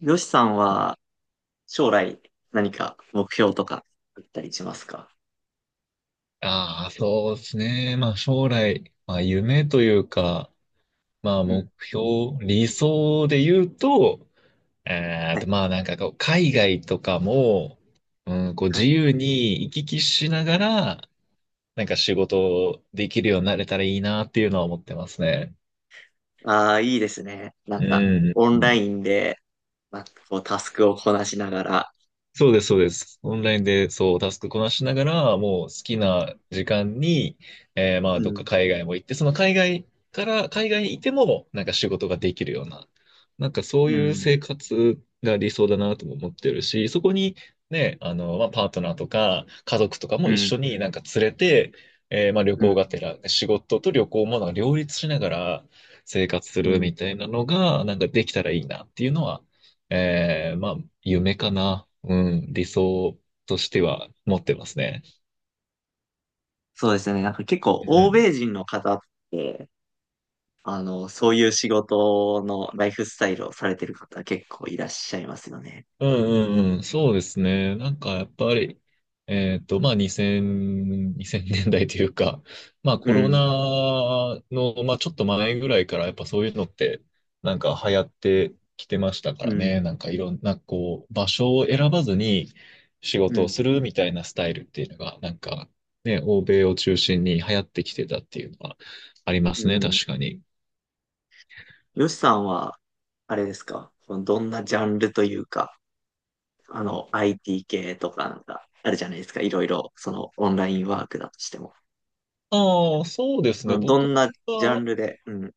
よしさんは将来何か目標とかあったりしますか？ああ、そうですね。将来、夢というか、うん。目標、理想で言うと、はい。なんかこう、海外とかも、うん、こうは自い。由に行き来しながら、なんか仕事できるようになれたらいいなっていうのは思ってますね。ああ、いいですね。なんか、うオンラん。インで、まあ、こう、タスクをこなしながら。そうです、そうです。オンラインで、そう、タスクこなしながら、もう好きな時間に、うどっかん。海外も行って、その海外から、海外にいても、なんか仕事ができるような、なんかそうういうん。生活が理想だなとも思ってるし、そこに、ね、パートナーとか、家族とかもう一ん。緒になんか連れて、旅うん。行がてら、仕事と旅行もなんか両立しながら生活すうるん。みたいなのが、なんかできたらいいなっていうのは、えーまあ、夢かな。うん、理想としては持ってますね。そうですね。なんか結構、う欧ん。米人の方って、あの、そういう仕事のライフスタイルをされてる方結構いらっしゃいますよね。うんうんうん、そうですね。なんかやっぱり、2000、年代というか、うコロん。ナの、まあちょっと前ぐらいからやっぱそういうのって、なんか流行ってきてましたかうらね。ん。なんかいろんなこう、場所を選ばずに仕う事をん。するみたいなスタイルっていうのが、なんかね、欧米を中心に流行ってきてたっていうのはありまうすね、ん。確かに。よしさんは、あれですか？どんなジャンルというか、あの、IT 系とかなんか、あるじゃないですか。いろいろ、その、オンラインワークだとしても。ああ、そうですね。うん、ど僕んなジャンは、ルで、うん、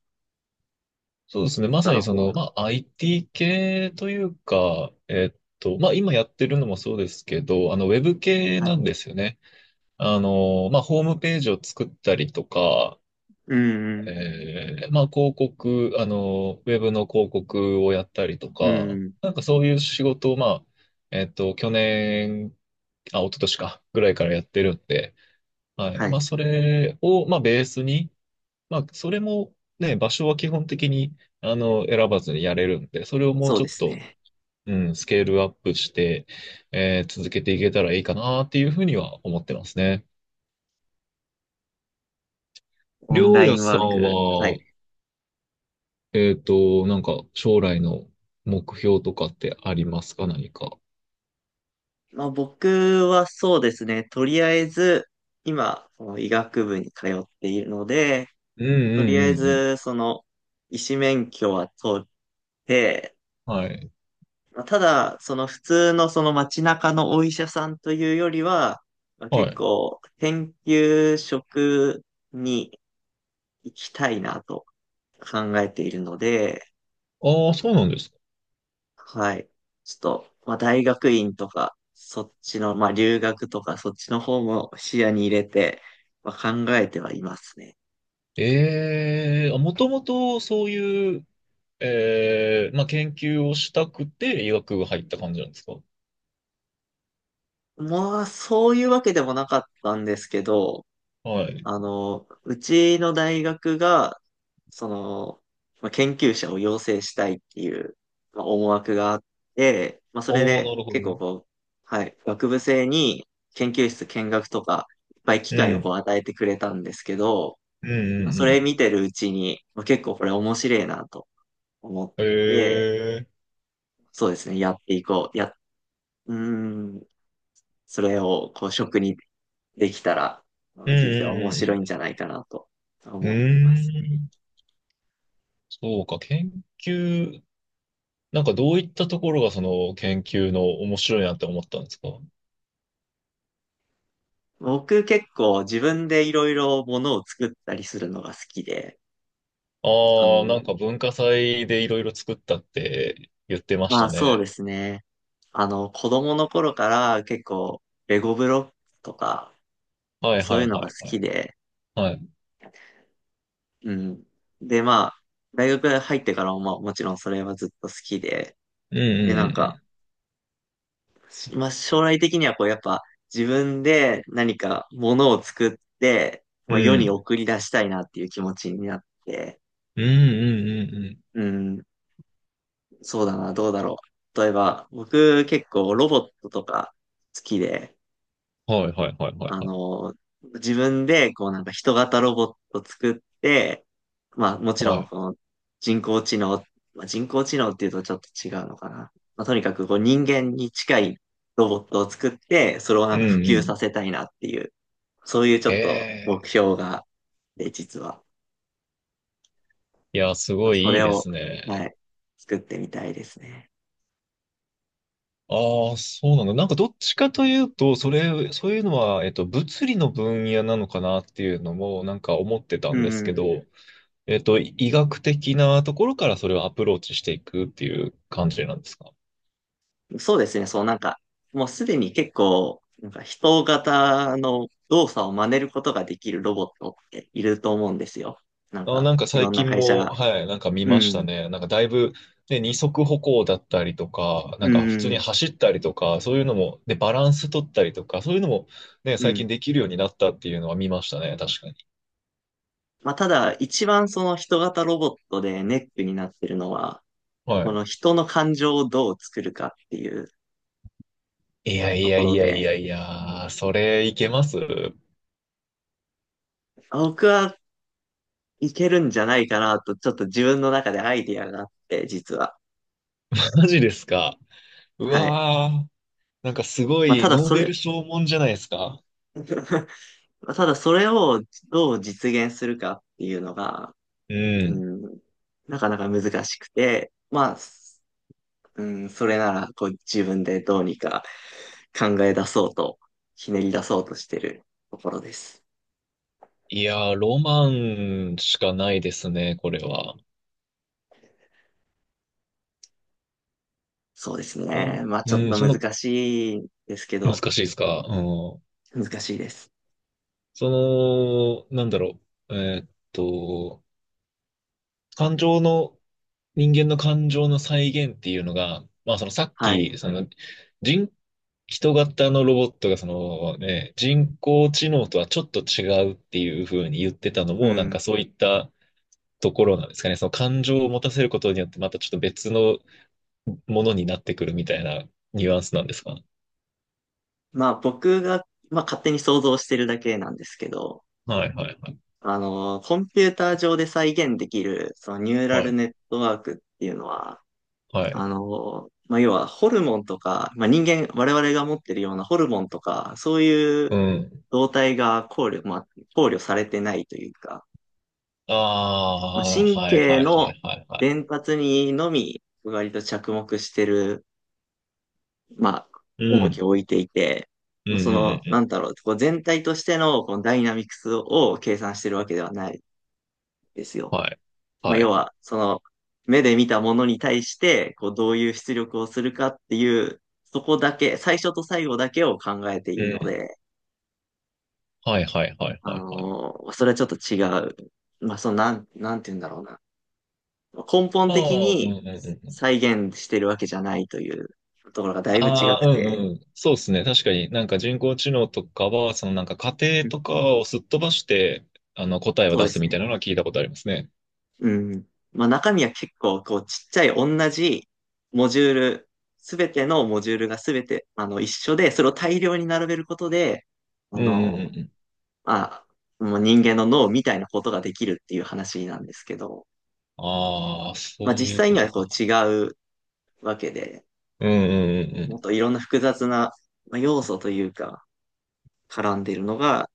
そうですね。まさ働にそこの、うと。まあ、IT 系というか、今やってるのもそうですけど、ウェブ系はない。んですよね。ホームページを作ったりとか、うん、広告、ウェブの広告をやったりとうん、うか、ん。なんかそういう仕事を、去年、あ、一昨年か、ぐらいからやってるんで、はい。はい。それを、ベースに、それもね、場所は基本的に、選ばずにやれるんで、それをもうそうちょでっすと、ね。うん、スケールアップして、続けていけたらいいかなっていうふうには思ってますね。オりンょラうイやンさんワーク。はい。は、なんか、将来の目標とかってありますか何か。まあ、僕はそうですね。とりあえず、今、その医学部に通っているので、うんうとりあんえうんうん。ず、その、医師免許は取って、はい。まあただ、その普通のその街中のお医者さんというよりは、まあは結い。構研究職に行きたいなと考えているので、ああ、そうなんですか。はい。ちょっと、まあ大学院とか、そっちの、まあ留学とかそっちの方も視野に入れて、まあ考えてはいますね。ええ、もともとそういう、ええ、まあ、研究をしたくて医学部入った感じなんですか。まあそういうわけでもなかったんですけど、はい。あの、うちの大学が、その、まあ、研究者を養成したいっていう、まあ、思惑があって、まあ、それおー、でなるほど。結構こう、はい、学部生に研究室見学とか、いっぱい機う会をこん。う与えてくれたんですけど、うまあ、んうそれん見てるうちに、まあ、結構これ面白いなと思っうん。て、へえ。そうですね、やっていこう。や、うーん、それをこう職にできたら、まうんあ人生面白いんうじゃないかなとんうん思うってまん。す。うーん。そうか、研究、なんかどういったところがその研究の面白いなって思ったんですか。僕結構自分でいろいろものを作ったりするのが好きで、あああなの、んか文化祭でいろいろ作ったって言ってましまあたそうでね。すね。あの、子供の頃から結構レゴブロックとかはいそうはいういのはがい好はい。きで、はい。うん。で、まあ、大学入ってからもまあもちろんそれはずっと好きで、うんで、なうんか、んまあ将来的にはこうやっぱ自分で何かものを作って、うまあ、世んうにん。送り出したいなっていう気持ちになって、うんうんうんうん。うん。そうだな、どうだろう。例えば、僕結構ロボットとか好きで、はいはいはいはいあはい。の、自分でこうなんか人型ロボット作って、まあもちはろんい。この人工知能、まあ、人工知能っていうとちょっと違うのかな。まあ、とにかくこう人間に近いロボットを作って、それをなうんんか普う及さん。せたいなっていう、そういうちょへっとえ。目標があって、実は。いや、すまあ、ごそいいいれでを、すはね。い、作ってみたいですね。ああ、そうなんだ。なんかどっちかというと、それ、そういうのは、物理の分野なのかなっていうのも、なんか思ってたうんですけん。ど、医学的なところからそれをアプローチしていくっていう感じなんですか。そうですね、そうなんか、もうすでに結構、なんか人型の動作を真似ることができるロボットっていると思うんですよ。なんあー、か、なんかいろ最んな近会社も、が。はい、なんか見うましたん、ね。なんかだいぶ、ね、二足歩行だったりとか、うなんか普通にん、走ったりとか、そういうのも、で、バランス取ったりとか、そういうのも、ね、う最ん。近できるようになったっていうのは見ましたね。確かに。まあ、ただ、一番その人型ロボットでネックになってるのは、はこい。の人の感情をどう作るかっていういやいとやこいろやいで、やいや、それいけます あ僕はいけるんじゃないかなと、ちょっと自分の中でアイディアがあって、実は。マジですか。うはい。わー、なんかすごまあ、いただノーそベれ ル賞もんじゃないですか。 ただそれをどう実現するかっていうのが、ううん。ん、なかなか難しくて、まあ、すうん、それならこう自分でどうにか考え出そうと、ひねり出そうとしてるところです。いやー、ロマンしかないですね、これは。そうですうね。ん、まあちょっうん、とそんな難しいですけ難ど、しいですか。うん。難しいです。その、なんだろう。感情の人間の感情の再現っていうのが、まあそのさっはい。き、その人、人型のロボットがそのね、人工知能とはちょっと違うっていうふうに言ってたのうも、なんん。かそういったところなんですかね。その感情を持たせることによってまたちょっと別のものになってくるみたいなニュアンスなんですか。まあ僕が、まあ勝手に想像してるだけなんですけど、はいはいはい。あの、コンピューター上で再現できる、そのニューラはルい。ネットワークっていうのは、はい。あの、まあ、要はホルモンとか、まあ、人間、我々が持ってるようなホルモンとか、そういううん。動態が考慮、まあ、考慮されてないというか、あまあ、あ、神はい経はいはのいはいはい。伝達にのみ、割と着目してる、まあ、う重きん。を置いていて、うんまあ、うその、んうなんんだろう、こう全体としてのこのダイナミクスを計算してるわけではないですうよ。ん。はい。まあ、は要い。は、その、目で見たものに対して、こう、どういう出力をするかっていう、そこだけ、最初と最後だけを考えていうるのん。で、はいはいはいあはいはい。のーそれはちょっと違う。まあ、その、なんて言うんだろうな。根本まあ、的うんにうんうんうん。再現してるわけじゃないというところがだいぶ違あくあ、うんて、うん。そうですね。確かになんか人工知能とかは、そのなんか仮定うん。とかをすっ飛ばして、あの答えをそう出ですすみたね。いなのは聞いたことありますね。うん。まあ中身は結構こうちっちゃい同じモジュール、すべてのモジュールがすべてあの一緒で、それを大量に並べることで、あうんうんの、うんうん。まあ、もう人間の脳みたいなことができるっていう話なんですけど、ああ、そまあうい実う際こにはとこか。う違うわけで、うんうんうんうもっん。といろんな複雑なまあ要素というか、絡んでいるのが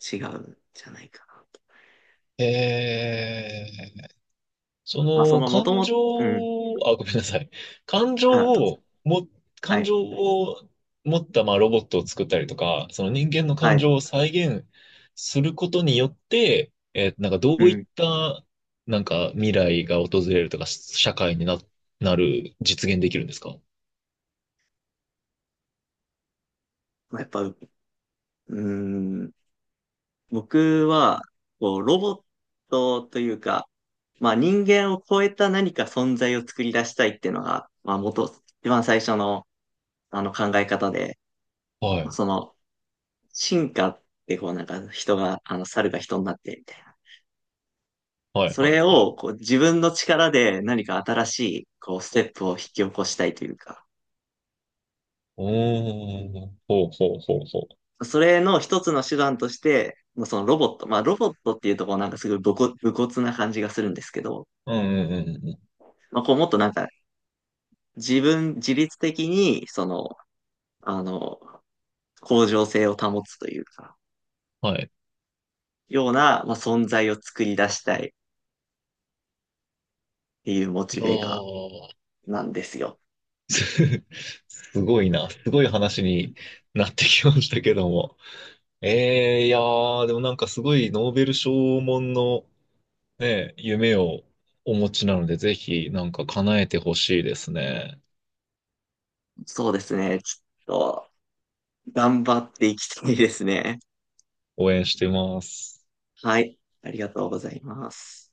違うんじゃないかなと。へえ。そまあそののもと感も情うん。を、あ、ごめんなさい。感情あ、どうぞ。をも、は感い。情を持ったまあロボットを作ったりとか、その人間のは感い。情を再現することによって、なんかどうういっん。たなんか未来が訪れるとか、し社会にな、なる、実現できるんですか。まあやっぱ、うん。僕は、こう、ロボットというか、まあ人間を超えた何か存在を作り出したいっていうのが、まあ元、一番最初のあの考え方で、はい。その進化ってこうなんか人が、あの猿が人になってみたいな。はい、そはい、れはい。をこう自分の力で何か新しいこうステップを引き起こしたいというか、おー、ほうほうほうほそれの一つの手段として、まあそのロボット、まあロボットっていうとこうなんかすごい武骨、な感じがするんですけど、う。うん、うん、うん。うんまあこうもっとなんか自分、自律的に、その、あの、向上性を保つというか、はい。ような、まあ、存在を作り出したいっていうモいチやベが、ー なんですよ。すすごいな。すごい話うにん。なってきましたけども。えー、いやー、でもなんかすごいノーベル賞門のね、夢をお持ちなので、ぜひなんか叶えてほしいですね。そうですね。ちょっと、頑張っていきたいですね。応援してます。はい。ありがとうございます。